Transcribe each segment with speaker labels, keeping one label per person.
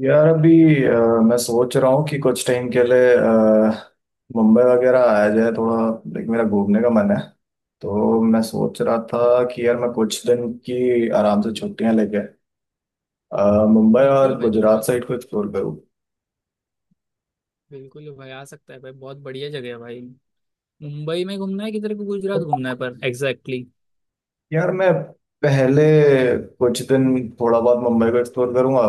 Speaker 1: यार, अभी अ, मैं सोच रहा हूँ कि कुछ टाइम के लिए मुंबई वगैरह आया जाए थोड़ा। लाइक मेरा घूमने का मन है। तो मैं सोच रहा था कि यार, मैं कुछ दिन की आराम से छुट्टियां लेके मुंबई
Speaker 2: बिल्कुल
Speaker 1: और
Speaker 2: भाई
Speaker 1: गुजरात
Speaker 2: गुजरात
Speaker 1: साइड को एक्सप्लोर करूँ।
Speaker 2: बिल्कुल भाई आ सकता है भाई। बहुत बढ़िया जगह है भाई। मुंबई में घूमना है किधर को, गुजरात घूमना है, पर एग्जैक्टली exactly.
Speaker 1: यार, मैं पहले कुछ दिन थोड़ा बहुत मुंबई को एक्सप्लोर करूंगा।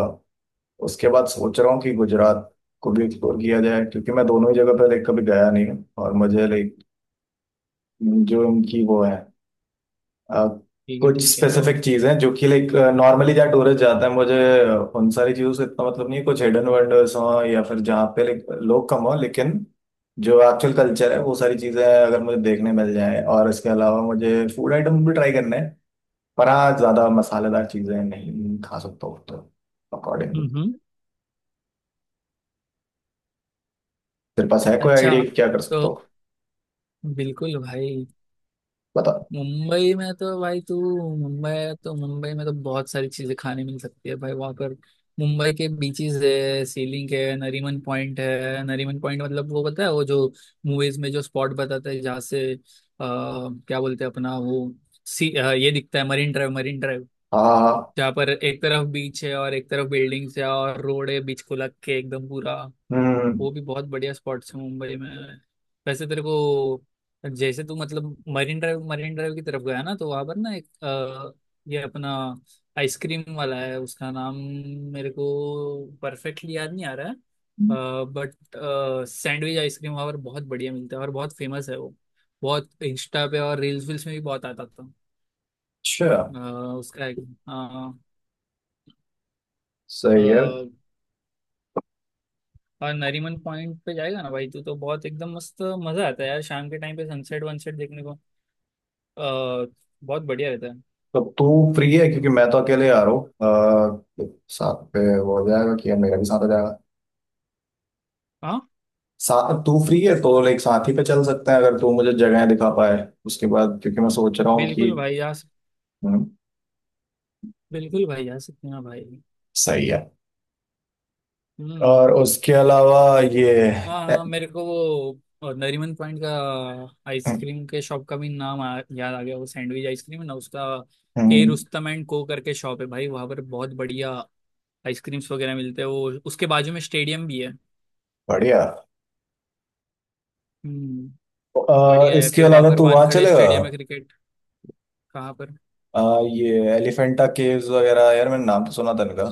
Speaker 1: उसके बाद सोच रहा हूँ कि गुजरात को भी एक्सप्लोर किया जाए, क्योंकि मैं दोनों ही जगह पर लाइक कभी गया नहीं हूँ। और मुझे लाइक जो इनकी वो है अ,
Speaker 2: ठीक है,
Speaker 1: कुछ
Speaker 2: ठीक है तो।
Speaker 1: स्पेसिफिक चीजें जो कि लाइक नॉर्मली जहाँ टूरिस्ट जाता है, मुझे उन सारी चीजों से इतना मतलब नहीं है। कुछ हिडन वंडर्स हो या फिर जहाँ पे लाइक लोग कम हो, लेकिन जो एक्चुअल कल्चर है वो सारी चीजें अगर मुझे देखने मिल जाए। और इसके अलावा मुझे फूड आइटम भी ट्राई करने हैं। पर हाँ, ज्यादा मसालेदार चीजें नहीं खा सकता हूँ तो अकॉर्डिंगली।
Speaker 2: हम्म।
Speaker 1: तेरे पास है कोई
Speaker 2: अच्छा,
Speaker 1: आइडिया क्या कर
Speaker 2: तो
Speaker 1: सकता हो?
Speaker 2: बिल्कुल भाई।
Speaker 1: बता।
Speaker 2: मुंबई में तो भाई तू मुंबई है तो मुंबई में तो बहुत सारी चीजें खाने मिल सकती है भाई वहाँ पर। मुंबई के बीचेस है, सीलिंग है, नरीमन पॉइंट है। नरीमन पॉइंट मतलब वो पता है, वो जो मूवीज में जो स्पॉट बताता है जहाँ से क्या बोलते हैं अपना वो सी ये दिखता है, मरीन ड्राइव। मरीन
Speaker 1: हाँ, हाँ, हाँ।
Speaker 2: जहाँ पर एक तरफ बीच है और एक तरफ बिल्डिंग्स है और रोड है बीच को लग के एकदम पूरा।
Speaker 1: हम्म।
Speaker 2: वो भी बहुत बढ़िया स्पॉट्स है मुंबई में। वैसे तेरे को जैसे तू मतलब मरीन ड्राइव, मरीन ड्राइव की तरफ गया ना तो वहां पर ना एक ये अपना आइसक्रीम वाला है, उसका नाम मेरे को परफेक्टली याद नहीं आ रहा है, बट सैंडविच आइसक्रीम वहाँ पर बहुत बढ़िया मिलता है और बहुत फेमस है वो। बहुत इंस्टा पे और रील्स वील्स में भी बहुत आता था।
Speaker 1: अच्छा।
Speaker 2: अ, उसका एक हाँ।
Speaker 1: सही है।
Speaker 2: और नरीमन पॉइंट पे जाएगा ना भाई तू, तो बहुत एकदम मस्त मजा आता है यार शाम के टाइम पे, सनसेट वनसेट देखने को अ, बहुत बढ़िया रहता है।
Speaker 1: तो तू फ्री है? क्योंकि मैं तो अकेले आ रहा हूँ साथ पे वो हो जाएगा कि मेरा भी साथ हो जाएगा।
Speaker 2: हाँ
Speaker 1: साथ तू फ्री है तो लाइक साथ ही पे चल सकते हैं, अगर तू मुझे जगह दिखा पाए उसके बाद। क्योंकि मैं सोच रहा हूँ कि…
Speaker 2: बिल्कुल भाई आ सक-
Speaker 1: हम्म,
Speaker 2: बिल्कुल भाई आ सकते हैं भाई।
Speaker 1: सही है। और
Speaker 2: हम्म।
Speaker 1: उसके अलावा ये…
Speaker 2: हाँ हाँ, मेरे को वो नरीमन पॉइंट का आइसक्रीम के शॉप का भी नाम याद आ गया। वो सैंडविच आइसक्रीम है ना, उसका के
Speaker 1: हम्म,
Speaker 2: रुस्तम एंड को करके शॉप है भाई वहाँ पर। बहुत बढ़िया आइसक्रीम्स वगैरह मिलते हैं, वो उसके बाजू में स्टेडियम भी है।
Speaker 1: बढ़िया।
Speaker 2: हम्म। बढ़िया है,
Speaker 1: इसके
Speaker 2: फिर वहाँ
Speaker 1: अलावा
Speaker 2: पर
Speaker 1: तू वहाँ
Speaker 2: वानखड़े
Speaker 1: चलेगा?
Speaker 2: स्टेडियम है क्रिकेट। कहाँ पर।
Speaker 1: ये एलिफेंटा केव्स वगैरह, यार मैंने नाम तो सुना था इनका।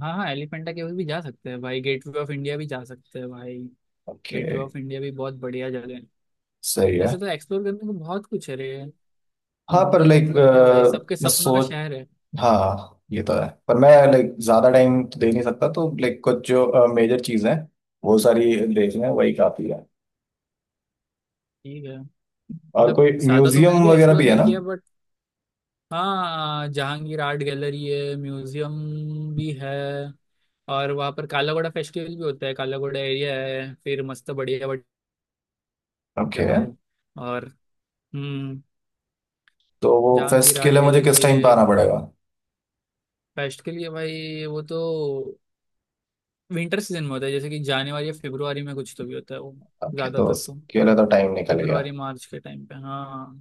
Speaker 2: हाँ हाँ, एलिफेंटा केव्स भी जा सकते हैं भाई, गेटवे ऑफ इंडिया भी जा सकते हैं भाई।
Speaker 1: ओके।
Speaker 2: गेटवे ऑफ इंडिया भी बहुत बढ़िया जगह है।
Speaker 1: सही है।
Speaker 2: वैसे तो एक्सप्लोर करने को बहुत कुछ है रे।
Speaker 1: हाँ पर
Speaker 2: मुंबई
Speaker 1: लाइक
Speaker 2: मतलब क्या भाई, सबके
Speaker 1: मैं
Speaker 2: सपनों का
Speaker 1: सोच
Speaker 2: शहर है।
Speaker 1: हाँ, ये तो है। पर मैं लाइक ज्यादा टाइम तो दे नहीं सकता, तो लाइक कुछ जो मेजर चीजें हैं वो सारी देख लें वही काफी है।
Speaker 2: ठीक है।
Speaker 1: और
Speaker 2: मतलब
Speaker 1: कोई
Speaker 2: ज्यादा तो मैंने
Speaker 1: म्यूजियम
Speaker 2: भी
Speaker 1: वगैरह
Speaker 2: एक्सप्लोर
Speaker 1: भी है
Speaker 2: नहीं
Speaker 1: ना?
Speaker 2: किया, बट हाँ, जहांगीर आर्ट गैलरी है, म्यूजियम भी है। और वहाँ पर काला घोड़ा फेस्टिवल भी होता है, काला घोड़ा एरिया है फिर, मस्त बढ़िया बढ़िया
Speaker 1: ओके।
Speaker 2: भाई। और हम्म।
Speaker 1: तो वो
Speaker 2: जहांगीर
Speaker 1: फेस्ट के
Speaker 2: आर्ट
Speaker 1: लिए मुझे
Speaker 2: गैलरी
Speaker 1: किस टाइम
Speaker 2: है।
Speaker 1: पे आना पड़ेगा?
Speaker 2: फेस्ट के लिए भाई वो तो विंटर सीजन में होता है, जैसे कि जनवरी या फरवरी में कुछ तो भी होता है वो।
Speaker 1: ओके, तो
Speaker 2: ज्यादातर तो
Speaker 1: उसके लिए तो टाइम निकल गया।
Speaker 2: फरवरी मार्च के टाइम पे हाँ,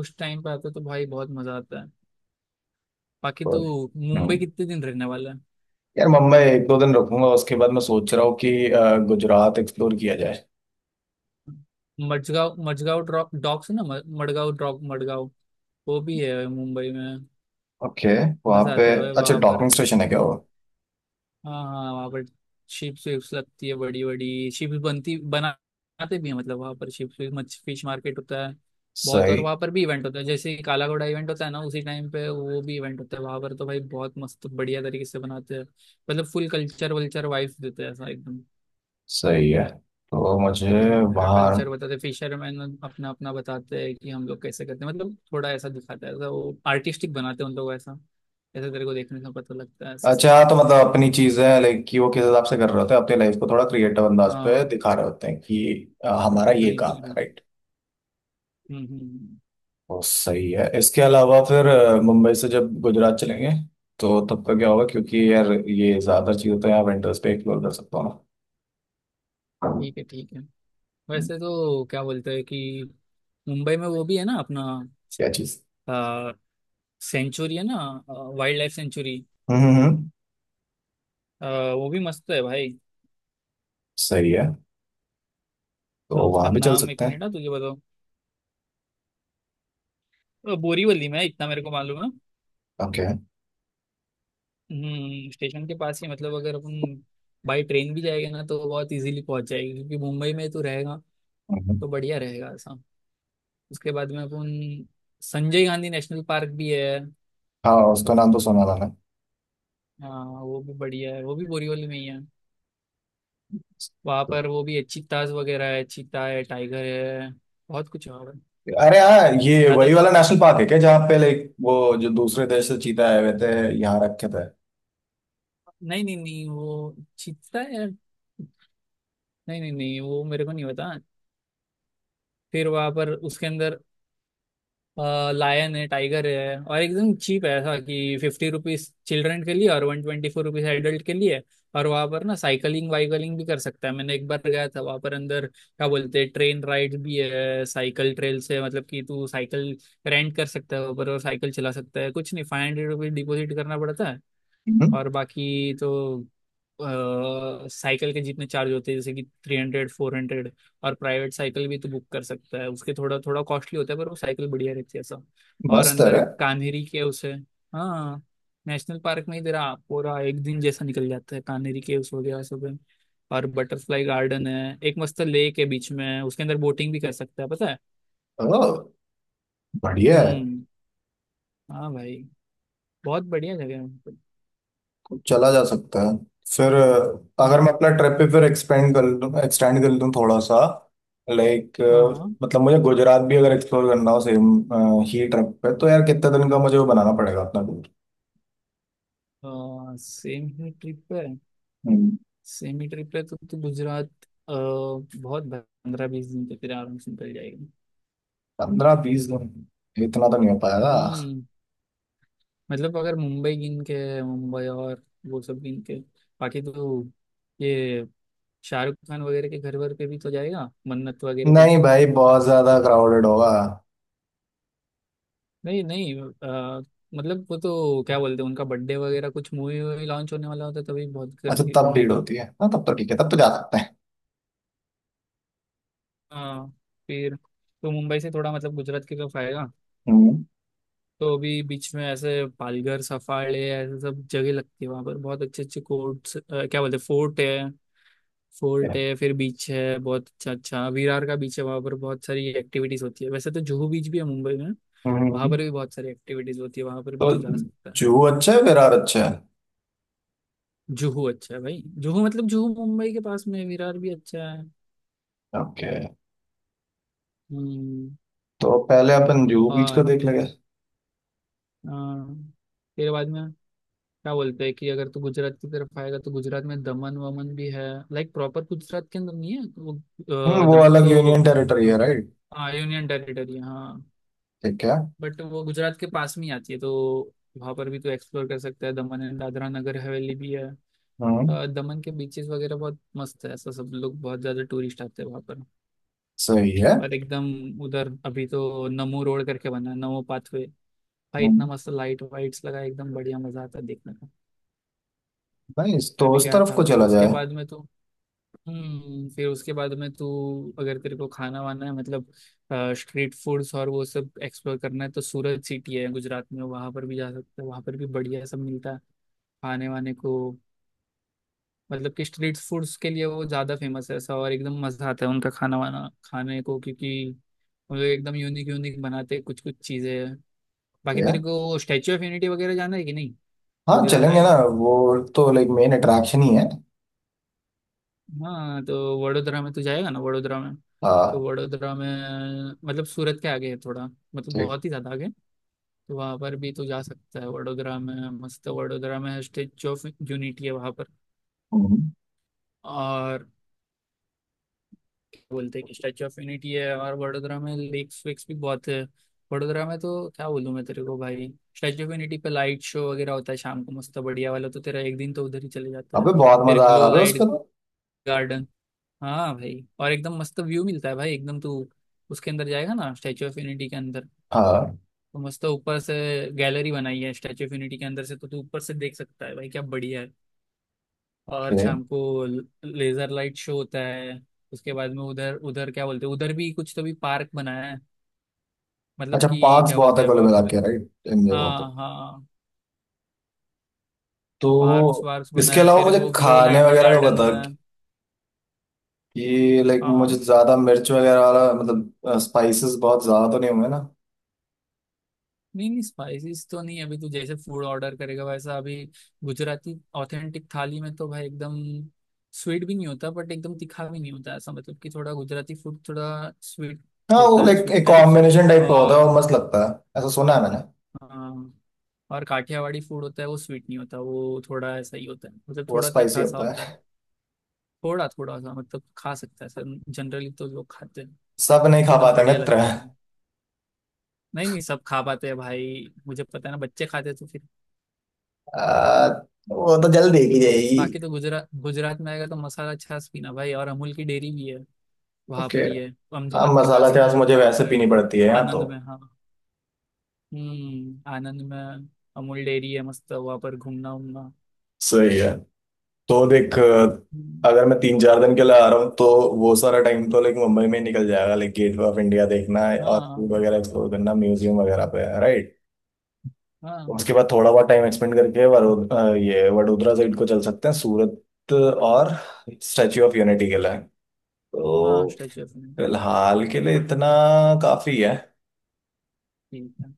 Speaker 2: उस टाइम पे आता है तो भाई बहुत मजा आता है। बाकी
Speaker 1: तो,
Speaker 2: तो मुंबई
Speaker 1: हम्म
Speaker 2: कितने दिन रहने वाला है।
Speaker 1: यार मुंबई एक दो दिन रुकूंगा। उसके बाद मैं सोच रहा हूँ कि गुजरात एक्सप्लोर किया जाए।
Speaker 2: मडगांव मडगांव ड्रॉप डॉक्स है ना, मडगांव ड्रॉप। मडगांव वो भी है मुंबई में।
Speaker 1: ओके। वहाँ
Speaker 2: मजा
Speaker 1: पे।
Speaker 2: आता है भाई
Speaker 1: अच्छा,
Speaker 2: वहां पर।
Speaker 1: डॉकिंग स्टेशन है क्या वो?
Speaker 2: हम्म। हाँ हाँ हाँ, वहाँ पर शिप्स विप्स लगती है, बड़ी बड़ी शिप्स बनती बनाते भी है, मतलब वहाँ पर शिप्स मच फिश मार्केट होता है बहुत। और
Speaker 1: सही।
Speaker 2: वहाँ पर भी इवेंट होता है, जैसे काला घोड़ा इवेंट होता है ना उसी टाइम पे, वो भी इवेंट होता है वहाँ पर, तो भाई बहुत मस्त बढ़िया तरीके से बनाते हैं। मतलब फुल कल्चर वल्चर वाइफ देते हैं ऐसा एकदम।
Speaker 1: सही है। तो मुझे
Speaker 2: उनका
Speaker 1: वहाँ…
Speaker 2: कल्चर बताते हैं, फिशरमैन अपना अपना बताते हैं कि हम लोग कैसे करते हैं, मतलब थोड़ा ऐसा दिखाता है ऐसा, वो आर्टिस्टिक बनाते हैं उन लोग ऐसा। ऐसा तेरे को देखने से पता लगता है ऐसा सब।
Speaker 1: अच्छा, हाँ, तो मतलब अपनी चीजें लाइक कि वो किस हिसाब से कर रहे होते हैं, अपनी लाइफ को थोड़ा क्रिएटिव अंदाज पे
Speaker 2: हाँ
Speaker 1: दिखा रहे होते हैं कि हमारा ये काम
Speaker 2: बिल्कुल
Speaker 1: है,
Speaker 2: बिल्कुल।
Speaker 1: राइट?
Speaker 2: हम्म हम्म हम्म।
Speaker 1: बहुत सही है। इसके अलावा फिर मुंबई से जब गुजरात चलेंगे तो तब का क्या होगा? क्योंकि यार, ये ज्यादा चीजें तो यहाँ विंटर्स पे एक्सप्लोर कर सकता हूँ ना। हम्म।
Speaker 2: ठीक है, ठीक है। वैसे तो क्या बोलते हैं कि मुंबई में वो भी है ना अपना
Speaker 1: क्या चीज?
Speaker 2: आ, सेंचुरी है ना, वाइल्ड लाइफ सेंचुरी,
Speaker 1: हम्म, हम्म।
Speaker 2: वो भी मस्त है भाई।
Speaker 1: सही है। तो
Speaker 2: उसका
Speaker 1: वहां भी चल
Speaker 2: नाम एक
Speaker 1: सकते
Speaker 2: मिनट
Speaker 1: हैं।
Speaker 2: ना, तुझे बताओ। बोरीवली में है, इतना मेरे को मालूम है।
Speaker 1: ओके।
Speaker 2: हम्म, स्टेशन के पास ही, मतलब अगर अपन बाई ट्रेन भी जाएंगे ना तो बहुत इजीली पहुंच जाएगी, क्योंकि मुंबई में तो रहेगा तो बढ़िया रहेगा ऐसा। उसके बाद में अपन संजय गांधी नेशनल पार्क भी है।
Speaker 1: हाँ, उसका नाम तो सुना था
Speaker 2: हाँ, वो भी बढ़िया है, वो भी बोरीवली में ही है। वहाँ
Speaker 1: ना।
Speaker 2: पर वो भी है, चीताज वगैरह है, चीता है, टाइगर है, बहुत कुछ और है वहाँ पर।
Speaker 1: अरे हाँ, ये वही
Speaker 2: ज्यादातर।
Speaker 1: वाला नेशनल पार्क है क्या जहाँ पे लाइक वो जो दूसरे देश से चीता आए हुए थे, यहाँ रखे थे?
Speaker 2: नहीं नहीं नहीं, वो चीता है। नहीं नहीं नहीं, वो मेरे को नहीं पता। फिर वहाँ पर उसके अंदर लायन है, टाइगर है, और एकदम चीप है ऐसा, कि 50 रुपीज चिल्ड्रन के लिए और 124 रुपीज एडल्ट के लिए। और वहाँ पर ना साइकिलिंग वाइकलिंग भी कर सकता है। मैंने एक बार गया था वहाँ पर, अंदर क्या बोलते हैं, ट्रेन राइड भी है, साइकिल ट्रेल से, मतलब कि तू साइकिल रेंट कर सकता है वहाँ पर और साइकिल चला सकता है, कुछ नहीं 500 रुपीज डिपोजिट करना पड़ता है।
Speaker 1: हम्म,
Speaker 2: और बाकी तो साइकिल के जितने चार्ज होते हैं, जैसे कि 300 400। और प्राइवेट साइकिल भी तो बुक कर सकता है, उसके थोड़ा थोड़ा कॉस्टली होता है, पर वो साइकिल बढ़िया रहती है सब। और
Speaker 1: मस्त है
Speaker 2: अंदर
Speaker 1: रे।
Speaker 2: कान्हेरी के उसे हाँ, नेशनल पार्क में ही तेरा पूरा एक दिन जैसा निकल जाता है, कान्हेरी केव्स हो गया सब है। और बटरफ्लाई गार्डन है, एक मस्त लेक है बीच में, उसके अंदर बोटिंग भी कर सकता है पता है।
Speaker 1: ओ, बढ़िया है।
Speaker 2: हम्म। हाँ भाई, बहुत बढ़िया जगह है।
Speaker 1: चला जा सकता है। फिर अगर मैं
Speaker 2: हम्म।
Speaker 1: अपना ट्रिप पे फिर एक्सपेंड कर लूँ, एक्सटेंड कर लूँ थोड़ा सा, लाइक
Speaker 2: हाँ
Speaker 1: मतलब मुझे गुजरात भी अगर एक्सप्लोर करना हो सेम ही ट्रिप पे तो यार कितने दिन का मुझे वो बनाना पड़ेगा अपना टूर?
Speaker 2: हाँ, सेम ही ट्रिप है, सेमी ट्रिप है तो गुजरात अ, बहुत 15-20 दिन तक फिर आराम से निकल जाएगी।
Speaker 1: 15 20 दिन? इतना तो नहीं हो पाएगा।
Speaker 2: हम्म। मतलब अगर मुंबई गिन के, मुंबई और वो सब गिन के, बाकी तो ये शाहरुख खान वगैरह के घर वर पे भी तो जाएगा, मन्नत वगैरह पे।
Speaker 1: नहीं भाई, बहुत ज्यादा क्राउडेड होगा।
Speaker 2: नहीं नहीं, मतलब वो तो क्या बोलते हैं, उनका बर्थडे वगैरह, कुछ मूवी वूवी लॉन्च होने वाला होता है तभी बहुत
Speaker 1: अच्छा, तब भीड़
Speaker 2: भीड़ हो।
Speaker 1: होती है? हाँ, तब तो ठीक है, तब तो जा सकते हैं।
Speaker 2: हाँ। फिर तो मुंबई से थोड़ा मतलब गुजरात की तरफ आएगा
Speaker 1: हम्म।
Speaker 2: तो अभी बीच में ऐसे पालघर सफाड़े ऐसे सब जगह लगती है, वहां पर बहुत अच्छे अच्छे कोर्ट्स, क्या बोलते हैं, फोर्ट है।
Speaker 1: ठीक
Speaker 2: फोर्ट
Speaker 1: है।
Speaker 2: है, फिर बीच है बहुत अच्छा अच्छा, विरार का बीच है, वहां पर बहुत सारी एक्टिविटीज होती है, वैसे तो जुहू बीच भी है मुंबई में।
Speaker 1: हम्म,
Speaker 2: वहां पर भी बहुत सारी एक्टिविटीज होती है, वहां पर भी
Speaker 1: तो
Speaker 2: तू जा सकता है।
Speaker 1: जुहू अच्छा है, विरार अच्छा है?
Speaker 2: जुहू अच्छा है भाई, जुहू मतलब जुहू मुंबई के पास में है, विरार भी अच्छा है।
Speaker 1: ओके।
Speaker 2: हम्म।
Speaker 1: तो पहले अपन जुहू बीच का
Speaker 2: और
Speaker 1: देख लेंगे।
Speaker 2: अ, फिर बाद में क्या बोलते हैं कि अगर तू गुजरात की तरफ आएगा तो गुजरात में दमन वमन भी है, लाइक प्रॉपर गुजरात के अंदर नहीं है वो।
Speaker 1: हम्म, वो
Speaker 2: दमन
Speaker 1: अलग
Speaker 2: तो
Speaker 1: यूनियन टेरिटरी है, राइट?
Speaker 2: हाँ, यूनियन टेरिटरी हाँ।
Speaker 1: ठीक है।
Speaker 2: बट वो गुजरात के पास में ही आती है, तो वहां पर भी तू एक्सप्लोर कर सकता है, दमन एंड दादरा नगर हवेली भी है।
Speaker 1: हम्म।
Speaker 2: दमन के बीचेस वगैरह बहुत मस्त है ऐसा, सब लोग बहुत ज्यादा टूरिस्ट आते हैं वहां पर।
Speaker 1: सही है।
Speaker 2: और एकदम उधर अभी तो नमो रोड करके बना है, नमो पाथवे भाई,
Speaker 1: हम्म।
Speaker 2: इतना मस्त लाइट वाइट्स लगा है, एकदम बढ़िया मजा आता है देखने का।
Speaker 1: Nice, तो
Speaker 2: मैं भी
Speaker 1: उस
Speaker 2: गया
Speaker 1: तरफ
Speaker 2: था
Speaker 1: को
Speaker 2: अभी
Speaker 1: चला
Speaker 2: उसके
Speaker 1: जाए।
Speaker 2: बाद में तो। हम्म। फिर उसके बाद में तू, अगर तेरे को खाना वाना है मतलब स्ट्रीट फूड्स और वो सब एक्सप्लोर करना है तो सूरत सिटी है गुजरात में, वहां पर भी जा सकते हैं, वहां पर भी बढ़िया सब मिलता है खाने वाने को। मतलब कि स्ट्रीट फूड्स के लिए वो ज्यादा फेमस है ऐसा, और एकदम मजा आता है उनका खाना वाना खाने को, क्योंकि वो लोग एकदम यूनिक यूनिक बनाते हैं कुछ कुछ चीजें। बाकी
Speaker 1: ठीक है।
Speaker 2: तेरे को स्टैचू ऑफ यूनिटी वगैरह जाना है कि नहीं,
Speaker 1: हाँ,
Speaker 2: गुजरात
Speaker 1: चलेंगे
Speaker 2: आएगा
Speaker 1: ना।
Speaker 2: तो।
Speaker 1: वो तो लाइक मेन अट्रैक्शन ही है।
Speaker 2: हाँ तो वडोदरा में तो जाएगा ना,
Speaker 1: हाँ।
Speaker 2: वडोदरा में मतलब सूरत के आगे है थोड़ा, मतलब
Speaker 1: ठीक।
Speaker 2: बहुत ही ज़्यादा आगे। तो वहाँ पर भी तो जा सकता है वडोदरा में, मस्त, वडोदरा में स्टेच्यू ऑफ यूनिटी है वहाँ पर।
Speaker 1: हम्म,
Speaker 2: और बोलते हैं कि स्टैचू ऑफ यूनिटी है, और वडोदरा में लेक्स वेक्स भी बहुत है। वडोदरा में तो क्या बोलूं मैं तेरे को भाई, स्टैचू ऑफ यूनिटी पे लाइट शो वगैरह होता है शाम को मस्त बढ़िया वाला, तो तेरा एक दिन तो उधर ही चले जाता है।
Speaker 1: अबे बहुत
Speaker 2: फिर
Speaker 1: मजा आया
Speaker 2: ग्लो
Speaker 1: अबे उस
Speaker 2: लाइट
Speaker 1: पर।
Speaker 2: गार्डन। हाँ भाई, और एकदम मस्त व्यू मिलता है भाई एकदम, तू उसके अंदर जाएगा ना स्टैचू ऑफ यूनिटी के अंदर,
Speaker 1: हाँ।
Speaker 2: तो मस्त ऊपर से गैलरी बनाई है स्टैचू ऑफ यूनिटी के अंदर से, तो तू ऊपर से देख सकता है भाई, क्या बढ़िया है। और
Speaker 1: ओके।
Speaker 2: शाम को लेजर लाइट शो होता है। उसके बाद में उधर उधर क्या बोलते हैं, उधर भी कुछ तो भी पार्क बनाया है, मतलब
Speaker 1: अच्छा,
Speaker 2: कि
Speaker 1: पार्क्स
Speaker 2: क्या
Speaker 1: बहुत
Speaker 2: बोलते
Speaker 1: है
Speaker 2: हैं
Speaker 1: कुल
Speaker 2: वहां
Speaker 1: मिला
Speaker 2: पर।
Speaker 1: के, राइट, इन जगहों पे।
Speaker 2: हाँ हाँ।
Speaker 1: तो
Speaker 2: पार्क्स वार्क्स
Speaker 1: इसके
Speaker 2: बनाया है,
Speaker 1: अलावा
Speaker 2: फिर
Speaker 1: मुझे
Speaker 2: वो ग्लो
Speaker 1: खाने
Speaker 2: लाइट
Speaker 1: वगैरह का
Speaker 2: गार्डन
Speaker 1: बता
Speaker 2: बनाया है।
Speaker 1: कि लाइक
Speaker 2: हाँ हाँ,
Speaker 1: मुझे ज्यादा मिर्च वगैरह वाला मतलब स्पाइसेस बहुत ज्यादा तो नहीं होंगे ना?
Speaker 2: नहीं नहीं, स्पाइसेस तो नहीं, अभी तू जैसे फूड ऑर्डर करेगा वैसा, अभी गुजराती ऑथेंटिक थाली में तो भाई एकदम स्वीट भी नहीं होता बट एकदम तीखा भी नहीं होता ऐसा, मतलब कि थोड़ा गुजराती फूड थोड़ा स्वीट
Speaker 1: हाँ, वो
Speaker 2: होता है,
Speaker 1: लाइक
Speaker 2: स्वीट
Speaker 1: एक
Speaker 2: टाइप्स।
Speaker 1: कॉम्बिनेशन टाइप का होता है
Speaker 2: और
Speaker 1: और मस्त लगता है। ऐसा सुना है मैंने।
Speaker 2: हाँ, हाँ। और काठियावाड़ी फूड होता है, वो स्वीट नहीं होता, वो थोड़ा ऐसा ही होता है, मतलब
Speaker 1: वो
Speaker 2: थोड़ा
Speaker 1: स्पाइसी
Speaker 2: तीखा सा
Speaker 1: होता
Speaker 2: होता है।
Speaker 1: है।
Speaker 2: थोड़ा थोड़ा सा मतलब खा सकता है सर, जनरली तो लोग खाते हैं,
Speaker 1: सब नहीं खा
Speaker 2: एकदम
Speaker 1: पाते
Speaker 2: बढ़िया
Speaker 1: मित्र।
Speaker 2: लगता है वो। नहीं नहीं, सब खा पाते हैं भाई, मुझे पता है ना, बच्चे खाते हैं तो फिर।
Speaker 1: आ, वो तो जल्द देखी जाएगी।
Speaker 2: बाकी तो गुजरात गुजरात में आएगा तो मसाला छाछ पीना भाई, और अमूल की डेयरी भी है वहां
Speaker 1: ओके।
Speaker 2: पर ही है,
Speaker 1: हाँ,
Speaker 2: अहमदाबाद के
Speaker 1: मसाला
Speaker 2: पास में
Speaker 1: प्याज
Speaker 2: है,
Speaker 1: मुझे
Speaker 2: कहाँ
Speaker 1: वैसे
Speaker 2: पर है,
Speaker 1: पीनी पड़ती है यहाँ
Speaker 2: आनंद
Speaker 1: तो।
Speaker 2: में हाँ। हम्म, आनंद में अमूल डेयरी है, मस्त, वहां पर घूमना उमना।
Speaker 1: सही है। तो देख
Speaker 2: हम्म,
Speaker 1: अगर मैं 3 4 दिन के लिए आ रहा हूँ तो वो सारा टाइम तो लाइक मुंबई में ही निकल जाएगा, लाइक गेटवे ऑफ इंडिया देखना है और फूड
Speaker 2: हाँ
Speaker 1: वगैरह एक्सप्लोर करना, म्यूजियम वगैरह पे, राइट?
Speaker 2: हाँ
Speaker 1: उसके बाद थोड़ा बहुत टाइम एक्सपेंड करके ये वडोदरा साइड को चल सकते हैं, सूरत और स्टैच्यू ऑफ यूनिटी के लिए
Speaker 2: हाँ,
Speaker 1: तो।
Speaker 2: स्टैचू ऑफ यूनिटी,
Speaker 1: फिलहाल के लिए इतना काफी है।
Speaker 2: ठीक है,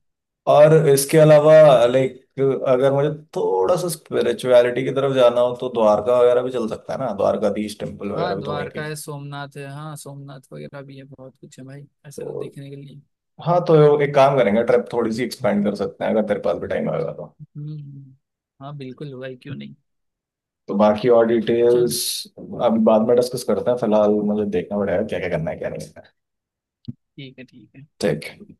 Speaker 1: और इसके अलावा
Speaker 2: देख,
Speaker 1: लाइक अगर मुझे थोड़ा सा स्पिरिचुअलिटी की तरफ जाना हो तो द्वारका वगैरह भी चल सकता है ना? द्वारकाधीश टेम्पल वगैरह
Speaker 2: हाँ
Speaker 1: भी तो वहीं
Speaker 2: द्वारका
Speaker 1: कहीं।
Speaker 2: है, सोमनाथ है, हाँ सोमनाथ वगैरह भी है, बहुत कुछ है भाई ऐसे तो देखने के लिए।
Speaker 1: हाँ, तो एक काम करेंगे, ट्रिप थोड़ी सी एक्सपेंड कर सकते हैं, अगर तेरे पास भी टाइम आएगा तो।
Speaker 2: हम्म, हाँ बिल्कुल भाई, क्यों नहीं।
Speaker 1: तो बाकी और
Speaker 2: चल,
Speaker 1: डिटेल्स अभी बाद में डिस्कस करते हैं। फिलहाल मुझे देखना पड़ेगा क्या क्या करना है क्या नहीं करना है।
Speaker 2: ठीक है, ठीक है।
Speaker 1: ठीक है।